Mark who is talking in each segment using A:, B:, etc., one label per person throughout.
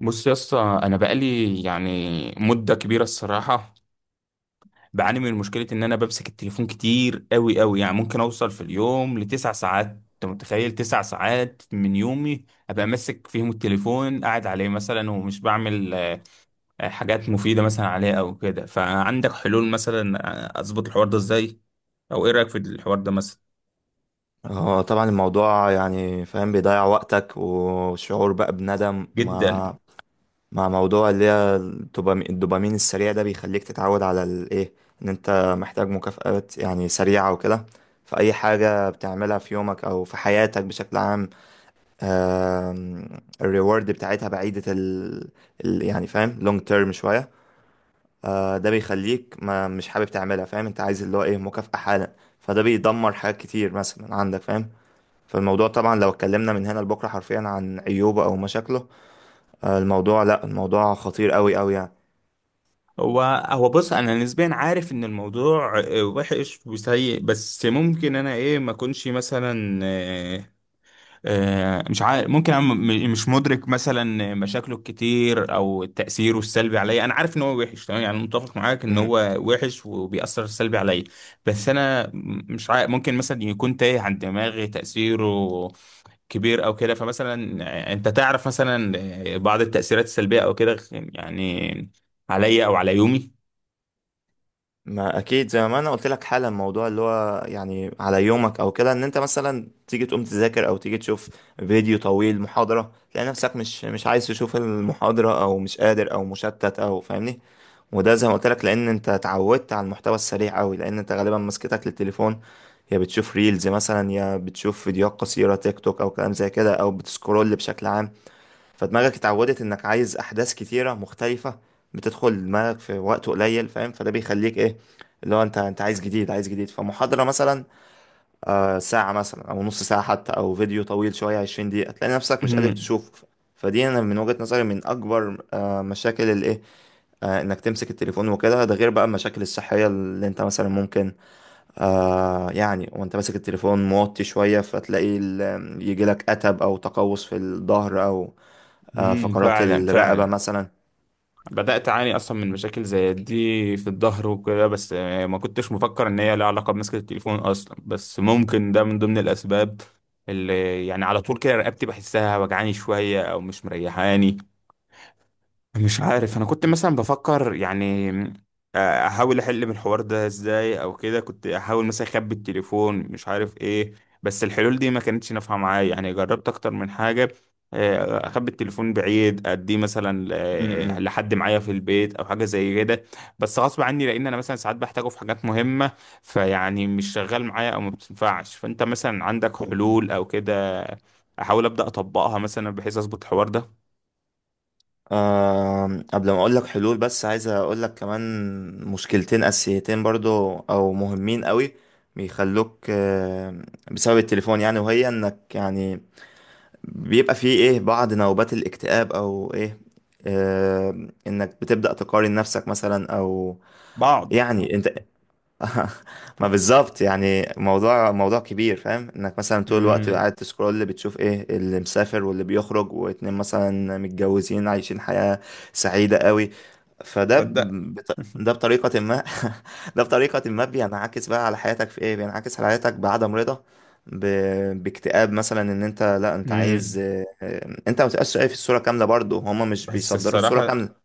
A: بص يا اسطى، انا بقالي يعني مده كبيره الصراحه. بعاني من مشكله ان انا بمسك التليفون كتير قوي قوي، يعني ممكن اوصل في اليوم ل9 ساعات. انت متخيل؟ 9 ساعات من يومي ابقى ماسك فيهم التليفون، قاعد عليه مثلا ومش بعمل حاجات مفيده مثلا عليه او كده. فعندك حلول مثلا؟ اظبط الحوار ده ازاي، او ايه رايك في الحوار ده مثلا؟
B: هو طبعا الموضوع يعني فاهم بيضيع وقتك وشعور بقى بندم
A: جدا.
B: مع موضوع اللي هي الدوبامين السريع ده بيخليك تتعود على الايه، ان انت محتاج مكافآت يعني سريعة وكده. فأي حاجة بتعملها في يومك أو في حياتك بشكل عام، آم، الريورد بتاعتها بعيدة يعني فاهم، لونج تيرم شوية. ده بيخليك ما مش حابب تعملها، فاهم؟ انت عايز اللي هو ايه، مكافأة حالا. فده بيدمر حاجات كتير مثلا عندك، فاهم؟ فالموضوع طبعا لو اتكلمنا من هنا لبكرة حرفيا عن عيوبه أو مشاكله، الموضوع لأ، الموضوع خطير أوي أوي يعني.
A: هو هو بص، انا نسبيا عارف ان الموضوع وحش وسيء، بس ممكن انا ايه ما اكونش مثلا مش عارف. ممكن انا مش مدرك مثلا مشاكله الكتير او تاثيره السلبي عليا. انا عارف ان هو وحش تمام، يعني متفق معاك ان
B: مم.
A: هو وحش وبيأثر سلبي عليا. بس انا مش عارف، ممكن مثلا يكون تايه عن دماغي تأثيره كبير او كده. فمثلا انت تعرف مثلا بعض التأثيرات السلبية او كده، يعني عليا او على يومي؟
B: ما أكيد، زي ما أنا قلت لك حالا، الموضوع اللي هو يعني على يومك أو كده، إن أنت مثلا تيجي تقوم تذاكر أو تيجي تشوف فيديو طويل، محاضرة، تلاقي نفسك مش عايز تشوف المحاضرة أو مش قادر أو مشتت أو فاهمني. وده زي ما قلت لك، لان انت اتعودت على المحتوى السريع قوي، لان انت غالبا مسكتك للتليفون يا بتشوف ريلز مثلا يا بتشوف فيديوهات قصيرة، تيك توك او كلام زي كده او بتسكرول بشكل عام. فدماغك اتعودت انك عايز احداث كتيرة مختلفة بتدخل دماغك في وقت قليل، فاهم؟ فده بيخليك ايه، اللي هو انت عايز جديد عايز جديد. فمحاضرة مثلا آه ساعة مثلا او نص ساعة حتى او فيديو طويل شوية 20 دقيقة، تلاقي نفسك مش قادر
A: امم،
B: تشوفه. فدي انا من وجهة نظري من اكبر مشاكل الايه، انك تمسك التليفون وكده. ده غير بقى المشاكل الصحية اللي انت مثلا ممكن يعني، وانت ماسك التليفون موطي شوية فتلاقي يجيلك اتب او تقوس في الظهر او
A: امم،
B: فقرات
A: فعلا
B: الرقبة
A: فعلا
B: مثلا.
A: بدأت أعاني أصلا من مشاكل زي دي في الظهر وكده، بس ما كنتش مفكر إن هي لها علاقة بمسكة التليفون أصلا، بس ممكن ده من ضمن الأسباب اللي يعني على طول كده رقبتي بحسها وجعاني شوية أو مش مريحاني. مش عارف، انا كنت مثلا بفكر يعني احاول احل من الحوار ده ازاي او كده. كنت احاول مثلا اخبي التليفون، مش عارف ايه، بس الحلول دي ما كانتش نافعه معايا. يعني جربت اكتر من حاجه، اخبي التليفون بعيد، اديه مثلا
B: م- م.
A: لحد معايا في البيت او حاجه زي كده، بس غصب عني لان انا مثلا ساعات بحتاجه في حاجات مهمه، فيعني مش شغال معايا او ما بتنفعش. فانت مثلا عندك حلول او كده احاول ابدا اطبقها مثلا بحيث اظبط الحوار ده؟
B: آه قبل ما اقول لك حلول، بس عايز اقول لك كمان مشكلتين اساسيتين برضو او مهمين قوي بيخلوك بسبب التليفون، يعني، وهي انك يعني بيبقى فيه ايه، بعض نوبات الاكتئاب او ايه. انك بتبدأ تقارن نفسك مثلا، او
A: بعض.
B: يعني انت ما بالظبط، يعني موضوع موضوع كبير، فاهم؟ انك مثلا طول الوقت
A: امم،
B: قاعد تسكرول، بتشوف ايه اللي مسافر واللي بيخرج، واتنين مثلا متجوزين عايشين حياة سعيدة قوي.
A: تصدق.
B: ده بطريقة ما ده بطريقة ما بينعكس بقى على حياتك في ايه، بينعكس على حياتك بعدم رضا، ب... باكتئاب مثلا، ان انت لا، انت عايز
A: امم،
B: انت ما تبقاش شايف الصورة كاملة برضه، هما مش
A: بس
B: بيصدروا الصورة
A: الصراحة
B: كاملة.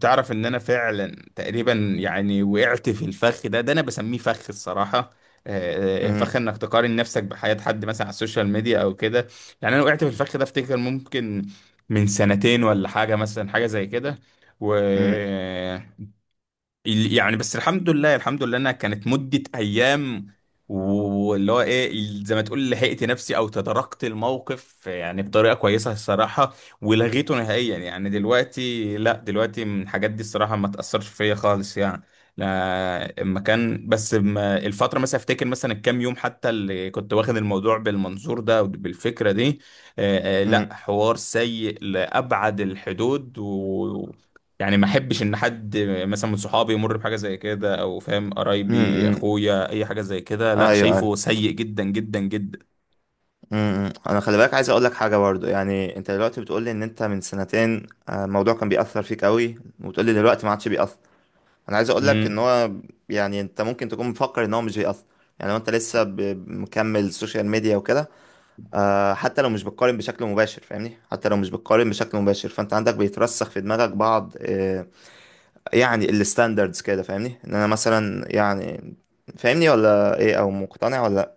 A: تعرف ان انا فعلا تقريبا يعني وقعت في الفخ ده، ده انا بسميه فخ الصراحة. فخ
B: م-
A: انك تقارن نفسك بحياة حد مثلا على السوشيال ميديا او كده. يعني انا وقعت في الفخ ده افتكر ممكن من سنتين، ولا حاجة مثلا، حاجة زي كده. و
B: م-
A: يعني بس الحمد لله الحمد لله انها كانت مدة ايام، واللي هو ايه زي ما تقول لحقت نفسي او تداركت الموقف يعني بطريقة كويسة الصراحة. ولغيته نهائيا، يعني دلوقتي لا، من الحاجات دي الصراحة ما تأثرش فيا خالص يعني. لا، اما كان بس الفترة مثلا افتكر مثلا الكام يوم حتى اللي كنت واخد الموضوع بالمنظور ده وبالفكرة دي، لا،
B: م-
A: حوار سيء لأبعد الحدود. يعني ما احبش ان حد مثلا من صحابي يمر بحاجه زي كده، او فاهم،
B: م-
A: قرايبي،
B: م.
A: اخويا، اي حاجه زي كده.
B: ايوه
A: لا،
B: ايوه.
A: شايفه سيء جدا جدا جدا.
B: امم، انا خلي بالك عايز اقول لك حاجه برضو، يعني انت دلوقتي بتقول لي ان انت من سنتين الموضوع كان بيأثر فيك قوي، وتقول لي دلوقتي ما عادش بيأثر. انا عايز اقول لك ان
A: امم،
B: هو يعني انت ممكن تكون مفكر ان هو مش بيأثر، يعني لو انت لسه مكمل سوشيال ميديا وكده، حتى لو مش بتقارن بشكل مباشر، فاهمني؟ حتى لو مش بتقارن بشكل مباشر، فانت عندك بيترسخ في دماغك بعض يعني الستاندردز كده، فاهمني ان انا مثلا يعني، فاهمني ولا ايه او مقتنع ولا؟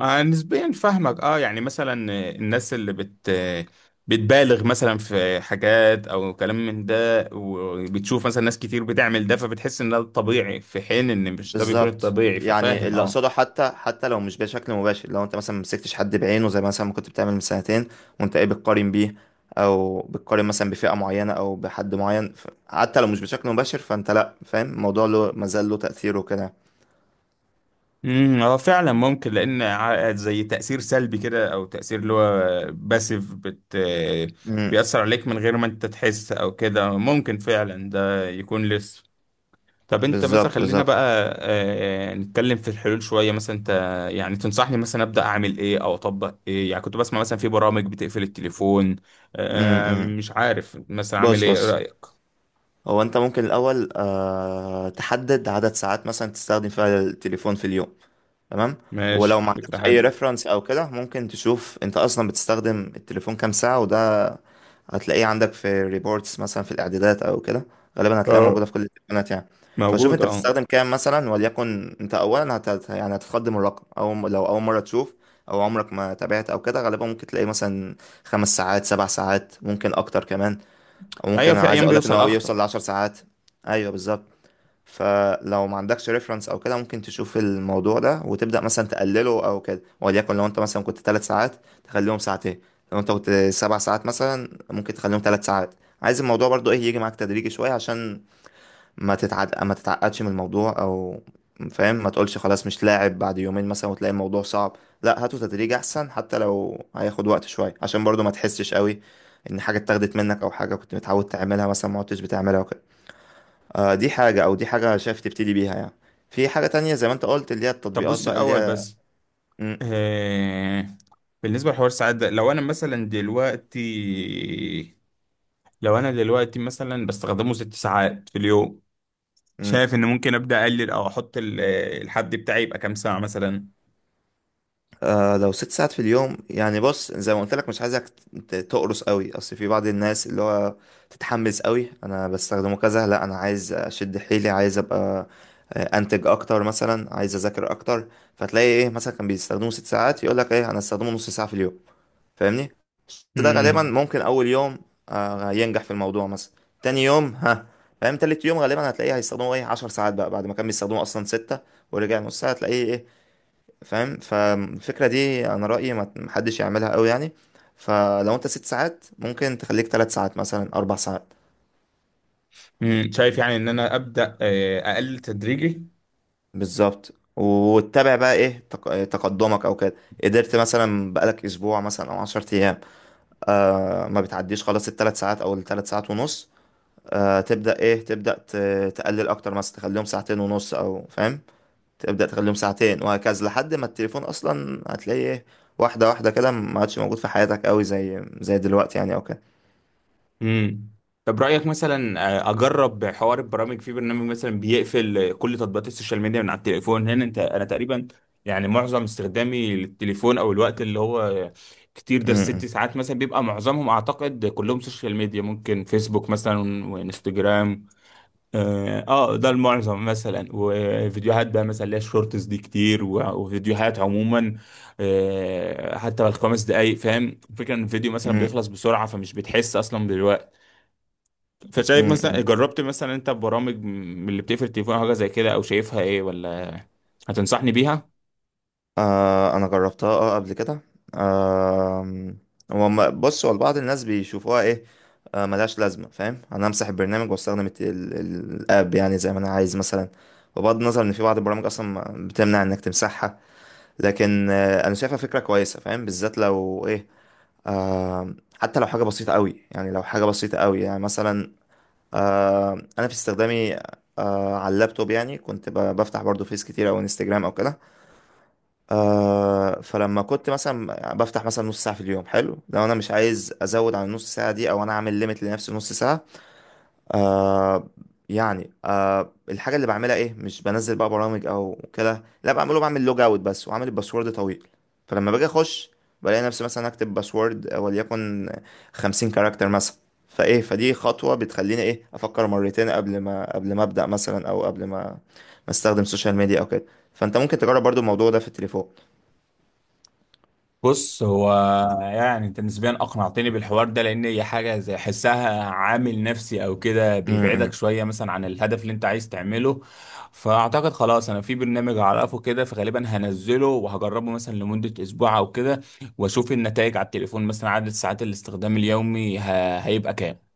A: آه نسبيا فاهمك. اه، يعني مثلا الناس اللي بت آه، بتبالغ مثلا في حاجات او كلام من ده، وبتشوف مثلا ناس كتير بتعمل ده، فبتحس ان ده الطبيعي في حين ان مش ده بيكون
B: بالظبط،
A: الطبيعي.
B: يعني
A: ففاهم،
B: اللي
A: اه.
B: اقصده، حتى لو مش بشكل مباشر، لو انت مثلا مسكتش حد بعينه زي مثلا ما كنت بتعمل من سنتين وانت ايه بتقارن بيه، او بتقارن مثلا بفئة معينة او بحد معين، حتى لو مش بشكل مباشر فانت لا، فاهم الموضوع له، مازال له تأثيره كده.
A: امم، اه، فعلا ممكن. لان زي تاثير سلبي كده، او تاثير اللي هو باسيف بت
B: امم.
A: بيأثر عليك من غير ما انت تحس او كده. ممكن فعلا ده يكون لسه. طب انت مثلا،
B: بالظبط
A: خلينا
B: بالظبط.
A: بقى نتكلم في الحلول شويه. مثلا انت يعني تنصحني مثلا ابدا اعمل ايه، او اطبق ايه؟ يعني كنت بسمع مثلا في برامج بتقفل التليفون،
B: امم امم.
A: مش عارف مثلا اعمل
B: بص
A: ايه. إيه
B: بص،
A: رايك؟
B: هو انت ممكن الاول تحدد عدد ساعات مثلا تستخدم فيها التليفون في اليوم. تمام. ولو
A: ماشي،
B: ما
A: فكره
B: عندكش اي
A: حلوه.
B: ريفرنس او كده، ممكن تشوف انت اصلا بتستخدم التليفون كام ساعة، وده هتلاقيه عندك في ريبورتس مثلا في الاعدادات او كده. غالبا هتلاقيها
A: اه،
B: موجوده في كل التليفونات يعني. فشوف
A: موجود،
B: انت
A: اه.
B: بتستخدم كام مثلا، وليكن انت اولا يعني هتخدم الرقم، او لو اول مره تشوف او عمرك ما تابعت او كده، غالبا ممكن تلاقيه مثلا 5 ساعات، 7 ساعات، ممكن اكتر كمان، او
A: ايوه،
B: ممكن انا
A: في
B: عايز
A: ايام
B: اقولك ان
A: بيوصل
B: هو
A: اخطر.
B: بيوصل لعشر ساعات. ايوه بالظبط. فلو ما عندكش ريفرنس او كده، ممكن تشوف الموضوع ده وتبدا مثلا تقلله او كده، وليكن لو انت مثلا كنت 3 ساعات تخليهم ساعتين، لو انت كنت 7 ساعات مثلا ممكن تخليهم 3 ساعات. عايز الموضوع برضو ايه، يجي معاك تدريجي شويه، عشان ما تتعد ما تتعقدش من الموضوع او، فاهم؟ ما تقولش خلاص مش لاعب بعد يومين مثلا، وتلاقي الموضوع صعب. لا، هاته تدريج احسن، حتى لو هياخد وقت شويه، عشان برضو ما تحسش قوي ان حاجه اتاخدت منك، او حاجه كنت متعود تعملها مثلا ما عدتش بتعملها وكده. دي حاجة، أو دي حاجة شايف تبتدي بيها يعني. في حاجة تانية زي ما أنت قلت، اللي هي
A: طب
B: التطبيقات
A: بص
B: بقى اللي
A: الاول
B: هي.
A: بس،
B: مم،
A: آه، بالنسبة لحوار الساعات ده، لو أنا دلوقتي مثلا بستخدمه 6 ساعات في اليوم،
B: مم.
A: شايف إن ممكن أبدأ أقلل، أو أحط الحد بتاعي يبقى كام ساعة مثلا؟
B: آه لو 6 ساعات في اليوم يعني، بص زي ما قلت لك، مش عايزك تقرص قوي، أصل في بعض الناس اللي هو تتحمس قوي، أنا بستخدمه كذا، لا أنا عايز أشد حيلي، عايز أبقى أنتج أكتر مثلا، عايز أذاكر أكتر. فتلاقي إيه مثلا، كان بيستخدمه 6 ساعات يقول لك إيه، أنا أستخدمه نص ساعة في اليوم، فاهمني؟ بس ده غالبا
A: مم.
B: ممكن اول يوم ينجح في الموضوع مثلا، تاني يوم ها، فاهم؟ تالت يوم غالبا هتلاقيه هيستخدموه ايه، 10 ساعات بقى بعد ما كان بيستخدموه اصلا ستة ورجع نص ساعة، هتلاقيه ايه، فاهم؟ فالفكرة دي انا رأيي ما محدش يعملها قوي يعني. فلو انت 6 ساعات، ممكن تخليك 3 ساعات مثلا، 4 ساعات.
A: مم. شايف يعني إن أنا أبدأ أقلل تدريجي.
B: بالظبط، وتتابع بقى ايه، تقدمك او كده. قدرت مثلا بقالك اسبوع مثلا او 10 ايام آه ما بتعديش خلاص الثلاث ساعات او الثلاث ساعات ونص، آه تبدأ ايه، تبدأ تقلل اكتر، مثلا تخليهم ساعتين ونص او فاهم، تبدأ تخليهم ساعتين وهكذا لحد ما التليفون اصلا هتلاقيه ايه، واحدة واحدة كده، ما عادش موجود في حياتك قوي زي دلوقتي يعني او كده.
A: امم. طب رأيك مثلا اجرب حوار البرامج؟ في برنامج مثلا بيقفل كل تطبيقات السوشيال ميديا من على التليفون. هنا انت، انا تقريبا يعني معظم استخدامي للتليفون، او الوقت اللي هو كتير ده الست
B: أمم،
A: ساعات مثلا، بيبقى معظمهم اعتقد كلهم سوشيال ميديا، ممكن فيسبوك مثلا وانستجرام. اه، ده المعظم مثلا، وفيديوهات بقى مثلا اللي هي الشورتس دي كتير، وفيديوهات عموما. حتى ال5 دقايق، فاهم الفكرة؟ ان الفيديو مثلا
B: أمم،
A: بيخلص بسرعة، فمش بتحس اصلا بالوقت. فشايف مثلا،
B: أمم.
A: جربت مثلا انت برامج من اللي بتقفل التليفون او حاجه زي كده، او شايفها ايه؟ ولا هتنصحني بيها؟
B: آه انا جربتها اه قبل كده آه، هو بص، هو بعض الناس بيشوفوها ايه، آه ملهاش لازمة، فاهم؟ انا امسح البرنامج واستخدم الاب يعني زي ما انا عايز مثلا، بغض النظر ان في بعض البرامج اصلا بتمنع انك تمسحها. لكن انا شايفها فكره كويسه، فاهم؟ بالذات لو ايه آه، حتى لو حاجه بسيطه قوي يعني، لو حاجه بسيطه قوي يعني مثلا، آه انا في استخدامي آه على اللابتوب يعني كنت بفتح برضو فيس كتير او انستجرام او كده. آه فلما كنت مثلا بفتح مثلا نص ساعه في اليوم، حلو، لو انا مش عايز ازود عن النص ساعه دي، او انا عامل ليميت لنفسي نص ساعه، آه يعني آه الحاجة اللي بعملها ايه، مش بنزل بقى برامج او كده، لا بعمله بعمل لوج اوت بس، وعامل الباسورد طويل. فلما باجي اخش بلاقي نفسي مثلا اكتب باسورد وليكن 50 كاركتر مثلا، فايه، فدي خطوة بتخليني ايه، افكر مرتين قبل ما ابدأ مثلا، او قبل ما استخدم سوشيال ميديا او كده. فانت ممكن تجرب برضو الموضوع ده في التليفون.
A: بص هو، يعني انت نسبيا اقنعتني بالحوار ده، لان هي حاجه زي حسها عامل نفسي او كده،
B: م-
A: بيبعدك شويه مثلا عن الهدف اللي انت عايز تعمله. فاعتقد خلاص، انا في برنامج اعرفه كده، فغالبا هنزله وهجربه مثلا لمده اسبوع او كده، واشوف النتائج على التليفون، مثلا عدد ساعات الاستخدام اليومي هيبقى كام.